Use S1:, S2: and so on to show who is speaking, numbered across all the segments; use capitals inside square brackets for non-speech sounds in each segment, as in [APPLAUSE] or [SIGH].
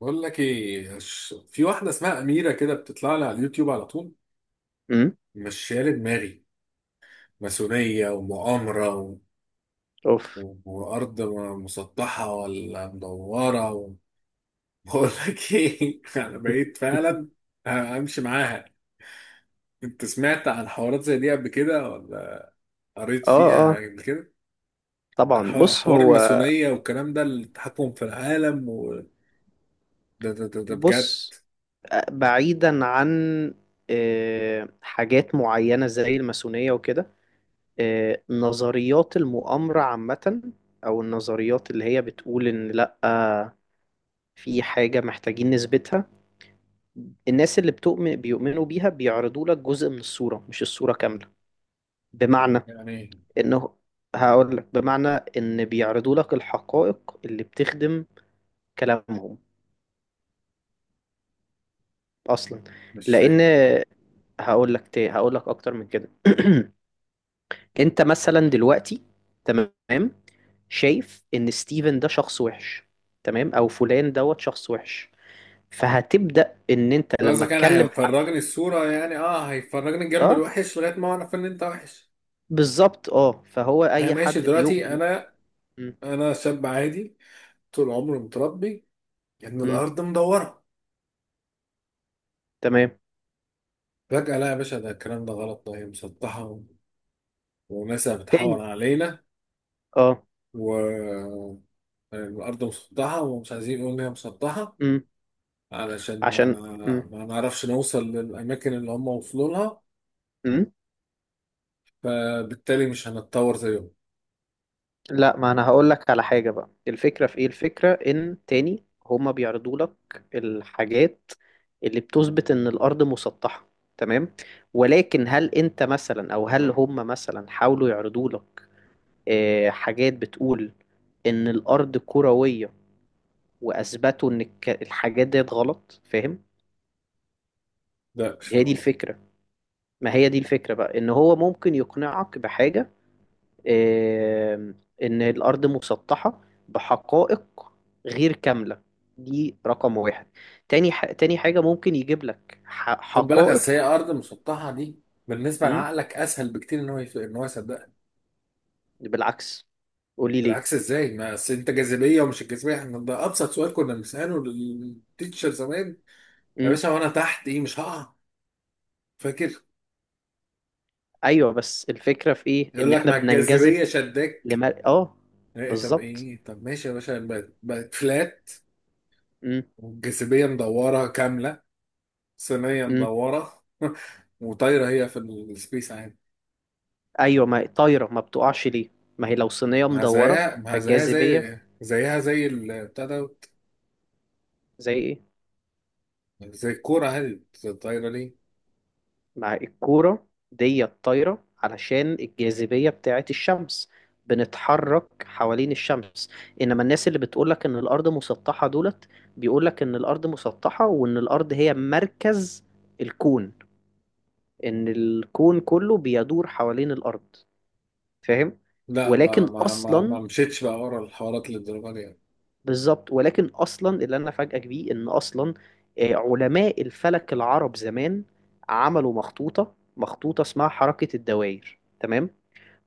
S1: بقول لك ايه في واحده اسمها اميره كده بتطلع لي على اليوتيوب على طول.
S2: امم.
S1: مش شايله دماغي. ماسونيه ومؤامره
S2: اوف.
S1: وارض مسطحه ولا مدوره [LAUGHS] بقول لك ايه [LAUGHS] انا بقيت
S2: [LAUGHS]
S1: فعلا امشي معاها. انت سمعت عن حوارات زي دي قبل كده ولا قريت
S2: اه
S1: فيها
S2: اه.
S1: قبل كده؟ عن
S2: طبعا، بص
S1: حوار
S2: هو
S1: الماسونيه والكلام ده, التحكم في العالم ده بجد.
S2: بص. بعيدا عن حاجات معينة زي الماسونية وكده، نظريات المؤامرة عامة، أو النظريات اللي هي بتقول إن لأ، في حاجة محتاجين نثبتها. الناس اللي بتؤمن بيؤمنوا بيها بيعرضوا لك جزء من الصورة مش الصورة كاملة. بمعنى
S1: يعني
S2: إنه، هقول لك بمعنى إن بيعرضوا لك الحقائق اللي بتخدم كلامهم اصلا.
S1: مش
S2: لان
S1: فاهم
S2: هقول لك اكتر من كده. [CLEARS THROAT] انت مثلا دلوقتي، تمام، شايف ان ستيفن ده شخص وحش، تمام، او فلان دوت شخص وحش. فهتبدأ ان انت لما
S1: قصدك. انا
S2: تكلم حد.
S1: هيفرجني الصورة يعني اه, هيفرجني الجنب
S2: اه،
S1: الوحش لغاية ما اعرف ان انت وحش.
S2: بالظبط، اه، فهو
S1: انا
S2: اي
S1: ماشي
S2: حد
S1: دلوقتي,
S2: بيؤمن.
S1: انا
S2: م-
S1: انا شاب عادي, طول عمري متربي ان
S2: م.
S1: الارض مدورة.
S2: تمام.
S1: فجأة لا يا باشا, ده الكلام ده غلط, ده هي مسطحة وناس
S2: تاني،
S1: بتحور علينا,
S2: اه.
S1: والارض مسطحة ومش عايزين يقولوا ان هي مسطحة
S2: م.
S1: علشان ما
S2: عشان م.
S1: ما نعرفش نوصل للاماكن اللي هم وصلوا لها,
S2: م.
S1: فبالتالي مش هنتطور زيهم.
S2: لا، ما انا هقول لك على حاجة بقى. الفكرة في ايه؟ الفكرة ان تاني هما بيعرضوا لك الحاجات اللي بتثبت ان الارض مسطحة، تمام. ولكن هل انت مثلا او هل هما مثلا حاولوا يعرضوا لك حاجات بتقول ان الارض كروية واثبتوا ان الحاجات ديت غلط؟ فاهم؟
S1: ده مش
S2: هي
S1: فاهم
S2: دي
S1: قصدي.
S2: الفكرة. ما هي دي الفكرة بقى ان هو ممكن يقنعك بحاجة، إن الأرض مسطحة بحقائق غير كاملة. دي رقم واحد. تاني تاني حاجة ممكن يجيب لك
S1: خد بالك, اصل
S2: حقائق.
S1: هي ارض مسطحه دي بالنسبه
S2: مم؟
S1: لعقلك اسهل بكتير ان هو ان هو يصدقها.
S2: بالعكس، قولي ليه.
S1: بالعكس ازاي؟ ما اصل انت جاذبيه ومش الجاذبيه احنا, ده ابسط سؤال كنا بنساله للتيتشر زمان, يا
S2: مم؟
S1: باشا وانا تحت ايه مش هقع؟ فاكر؟
S2: أيوة، بس الفكرة في إيه؟
S1: يقول
S2: إن
S1: لك
S2: إحنا
S1: ما
S2: بننجذب
S1: الجاذبيه شداك.
S2: لما آه،
S1: إيه؟ طب
S2: بالظبط.
S1: ايه؟ طب ماشي يا باشا, بقت فلات,
S2: مم؟
S1: والجاذبيه مدوره كامله, صينيه
S2: مم؟
S1: مدوره [LAUGHS] وطايره هي في السبيس عادي.
S2: أيوة، ما طايرة، ما بتقعش ليه؟ ما هي لو صينية
S1: ما
S2: مدورة
S1: زيها ما زيها
S2: فالجاذبية.
S1: زي زيها زي البتاع ده,
S2: زي إيه؟
S1: زي الكورة هادي. طايرة ليه؟
S2: مع الكورة دي الطايرة علشان الجاذبية بتاعت الشمس، بنتحرك حوالين الشمس. إنما الناس اللي بتقولك إن الأرض مسطحة دولت، بيقولك إن الأرض مسطحة وإن الأرض هي مركز الكون، إن الكون كله بيدور حوالين الأرض. فاهم؟
S1: لا
S2: ولكن
S1: ما
S2: أصلا،
S1: مشيتش بقى ورا الحوارات للدرجة دي يعني.
S2: بالظبط، ولكن أصلا اللي أنا أفاجئك بيه إن أصلا علماء الفلك العرب زمان عملوا مخطوطة اسمها حركة الدوائر، تمام؟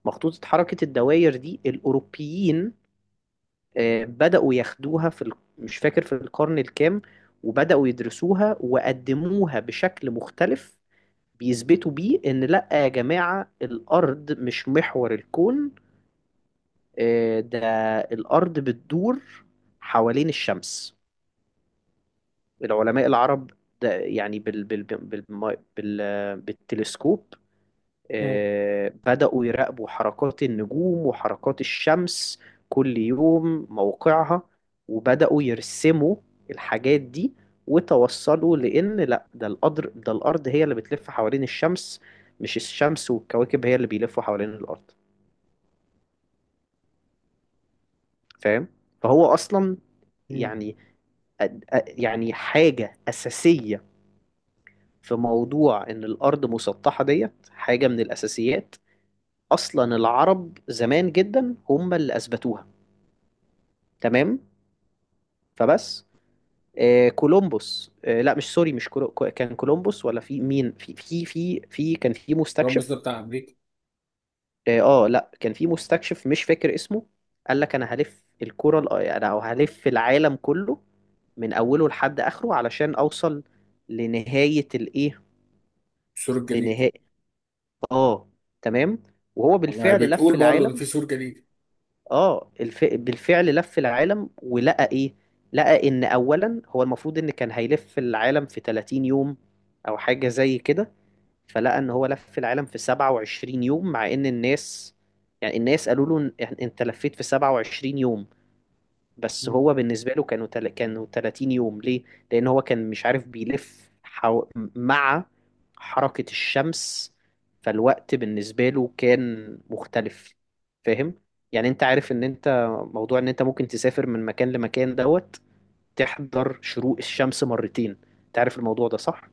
S2: مخطوطة حركة الدواير دي الأوروبيين بدأوا ياخدوها في مش فاكر في القرن الكام. وبدأوا يدرسوها وقدموها بشكل مختلف، بيثبتوا بيه إن لأ يا جماعة الأرض مش محور الكون. ده الأرض بتدور حوالين الشمس، العلماء العرب. ده يعني بالتلسكوب.
S1: مم.
S2: بدأوا يراقبوا حركات النجوم وحركات الشمس كل يوم موقعها، وبدأوا يرسموا الحاجات دي. وتوصلوا لأن لا، ده القدر، ده الأرض هي اللي بتلف حوالين الشمس، مش الشمس والكواكب هي اللي بيلفوا حوالين الأرض. فاهم؟ فهو أصلا،
S1: مم.
S2: يعني يعني حاجة أساسية في موضوع إن الأرض مسطحة ديت. حاجة من الأساسيات، أصلا العرب زمان جدا هم اللي أثبتوها، تمام. فبس، آه كولومبوس، آه لا مش سوري، مش كان كولومبوس، ولا في مين، في في في في كان في
S1: راموس ده
S2: مستكشف.
S1: بتاع أمريكا.
S2: اه، لا كان في مستكشف مش فاكر اسمه. قال لك انا هلف انا هلف العالم كله من اوله لحد اخره علشان اوصل لنهاية الايه،
S1: السور الجليدي.
S2: لنهاية، اه، تمام. وهو
S1: ما هي
S2: بالفعل لف
S1: بتقول برضه
S2: العالم.
S1: إن في سور جليدي.
S2: اه، بالفعل لف العالم ولقى ايه؟ لقى ان اولا هو المفروض ان كان هيلف العالم في 30 يوم او حاجة زي كده. فلقى ان هو لف العالم في 27 يوم، مع ان الناس، يعني الناس قالوا له انت لفيت في 27 يوم. بس
S1: مم.
S2: هو بالنسبة له كانوا كانوا 30 يوم. ليه؟ لأن هو كان مش عارف بيلف مع حركة الشمس، فالوقت بالنسبة له كان مختلف. فاهم؟ يعني انت عارف ان انت، موضوع ان انت ممكن تسافر من مكان لمكان دوت تحضر شروق الشمس مرتين. انت عارف الموضوع ده، صح؟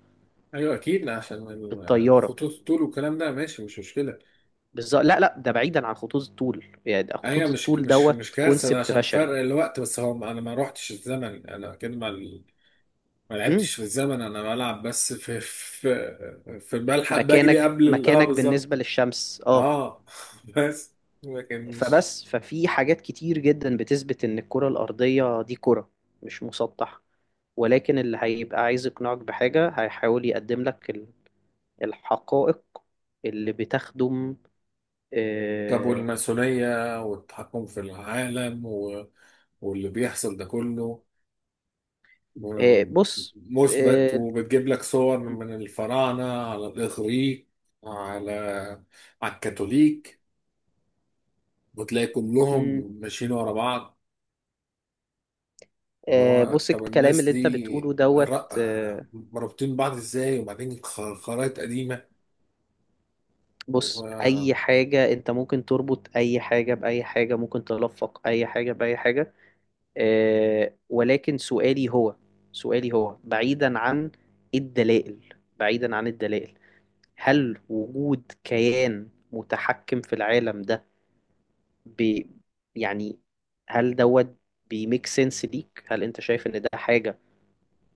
S1: أيوه أكيد, لا عشان
S2: بالطيارة.
S1: الخطوط الطول والكلام ده ماشي, مش مشكلة.
S2: بالظبط، لا لا، ده بعيدا عن خطوط الطول، يعني ده
S1: أيوه,
S2: خطوط
S1: مش
S2: الطول
S1: مش
S2: دوت
S1: مش كارثة, ده
S2: كونسبت
S1: عشان
S2: بشري.
S1: فرق الوقت بس, هو أنا ما روحتش الزمن, أنا كده ما ما
S2: امم.
S1: لعبتش في الزمن, أنا بلعب بس في بلحق بجري
S2: مكانك،
S1: قبل أه
S2: مكانك
S1: بالظبط.
S2: بالنسبة للشمس، اه.
S1: أه [LAUGHS] بس لكن مش.
S2: فبس ففي حاجات كتير جدا بتثبت ان الكرة الأرضية دي كرة، مش مسطح. ولكن اللي هيبقى عايز يقنعك بحاجة هيحاول يقدم لك الحقائق اللي بتخدم.
S1: طب
S2: آه،
S1: والماسونية والتحكم في العالم واللي بيحصل ده كله, م-
S2: بص.
S1: مثبت,
S2: آه،
S1: وبتجيب لك صور من الفراعنة على الإغريق, على على الكاثوليك, وتلاقي
S2: م-
S1: كلهم ماشيين ورا بعض, اللي هو
S2: بص
S1: طب
S2: الكلام اللي
S1: الناس
S2: انت بتقوله
S1: دي
S2: دوت.
S1: مربوطين بعض ازاي؟ وبعدين خرايط قديمة
S2: بص،
S1: و-
S2: اي حاجة انت ممكن تربط اي حاجة بأي حاجة، ممكن تلفق اي حاجة بأي حاجة. ولكن سؤالي هو، سؤالي هو بعيدا عن الدلائل، بعيدا عن الدلائل، هل وجود كيان متحكم في العالم ده، ب، يعني، هل دوت بيميك سنس ليك؟ هل انت شايف ان ده حاجة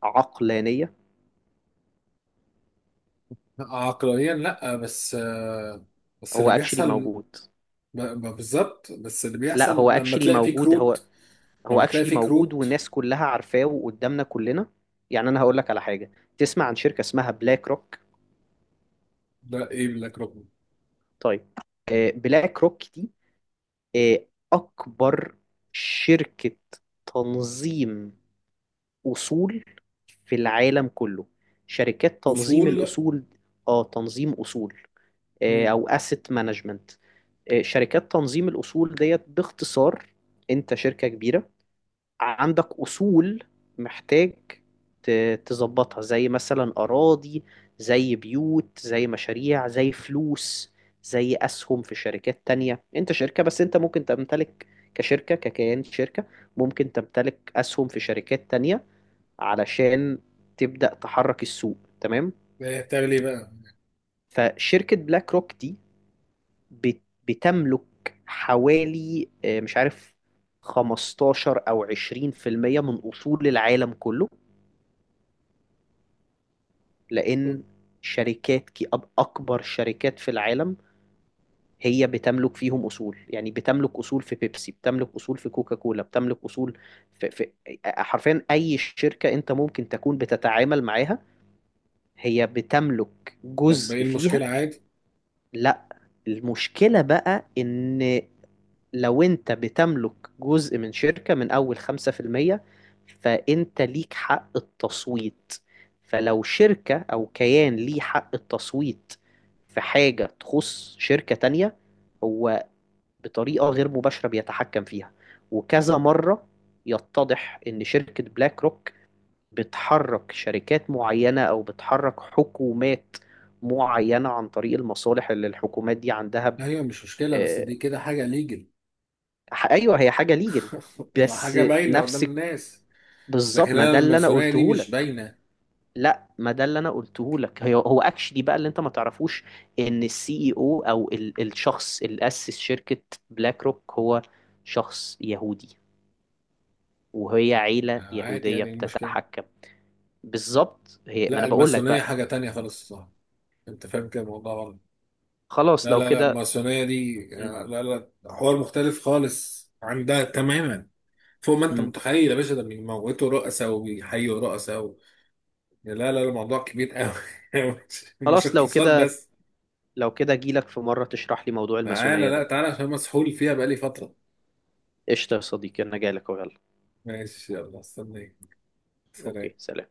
S2: عقلانية؟
S1: عقلانيا لا, بس بس
S2: هو
S1: اللي
S2: اكشلي
S1: بيحصل,
S2: موجود.
S1: بالظبط, بس اللي
S2: لا،
S1: بيحصل
S2: هو
S1: لما
S2: اكشلي
S1: تلاقي فيه
S2: موجود، هو
S1: كروت,
S2: هو
S1: لما تلاقي
S2: اكشلي
S1: فيك
S2: موجود،
S1: روت.
S2: والناس كلها عارفاه وقدامنا كلنا. يعني انا هقول لك على حاجة. تسمع عن شركة اسمها بلاك روك؟
S1: لا ايه لك ركن.
S2: طيب. بلاك روك دي آه، أكبر شركة تنظيم أصول في العالم كله. شركات تنظيم
S1: اصول.
S2: الأصول، آه، تنظيم أصول،
S1: مم.
S2: أو asset management. شركات تنظيم الأصول ديت باختصار، أنت شركة كبيرة عندك أصول محتاج تظبطها، زي مثلا أراضي زي بيوت زي مشاريع زي فلوس، زي أسهم في شركات تانية. أنت شركة، بس أنت ممكن تمتلك، كشركة ككيان شركة ممكن تمتلك أسهم في شركات تانية علشان تبدأ تحرك السوق، تمام.
S1: إيه بتعمل ايه بقى؟
S2: فشركة بلاك روك دي بت- بتملك حوالي، مش عارف، 15 أو 20% من أصول العالم كله. لأن شركات أكبر شركات في العالم هي بتملك فيهم أصول. يعني بتملك أصول في بيبسي، بتملك أصول في كوكا كولا، بتملك أصول في, في حرفيا أي شركة أنت ممكن تكون بتتعامل معاها، هي بتملك
S1: طب ايه
S2: جزء فيها.
S1: المشكله؟ عادي.
S2: لا، المشكلة بقى إن لو انت بتملك جزء من شركة من اول 5%، فانت ليك حق التصويت. فلو شركة او كيان ليه حق التصويت في حاجة تخص شركة تانية، هو بطريقة غير مباشرة بيتحكم فيها. وكذا مرة يتضح ان شركة بلاك روك بتحرك شركات معينة او بتحرك حكومات معينة عن طريق المصالح اللي الحكومات دي عندها.
S1: ايوه مش مشكله, بس
S2: آه،
S1: دي كده حاجه ليجل
S2: ايوه، هي حاجه ليجل
S1: [LAUGHS]
S2: بس.
S1: وحاجه باينه قدام
S2: نفسك.
S1: الناس. لكن
S2: بالظبط، ما
S1: انا
S2: ده اللي انا
S1: الماسونيه دي
S2: قلته
S1: مش
S2: لك.
S1: باينه.
S2: لا، ما ده اللي انا قلته لك، هي، هو اكشلي بقى اللي انت ما تعرفوش ان السي اي او، او الشخص اللي اسس شركه بلاك روك، هو شخص يهودي، وهي عيله
S1: عادي,
S2: يهوديه
S1: يعني ايه المشكله؟
S2: بتتحكم. بالظبط، هي ما
S1: لا
S2: انا بقول لك
S1: الماسونيه
S2: بقى.
S1: حاجه تانية خالص, صح؟ انت فاهم كده الموضوع غلط.
S2: خلاص
S1: لا
S2: لو
S1: لا لا,
S2: كده.
S1: الماسونيه دي
S2: م-
S1: آه، لا لا, حوار مختلف خالص عن ده تماما. فوق ما انت
S2: م.
S1: متخيل يا باشا, ده بيموتوا رؤساء وبيحيوا رؤساء. لا لا لا الموضوع كبير قوي. [LAUGHS] مش مش
S2: خلاص لو
S1: اقتصاد
S2: كده،
S1: بس.
S2: لو كده جيلك في مره تشرح لي موضوع
S1: تعالى,
S2: الماسونيه
S1: لا
S2: ده.
S1: تعالى عشان مسحول فيها بقالي فترة.
S2: قشطه يا صديقي، انا جاي لك، يلا.
S1: ماشي, يلا استنيك.
S2: اوكي،
S1: سلام.
S2: سلام.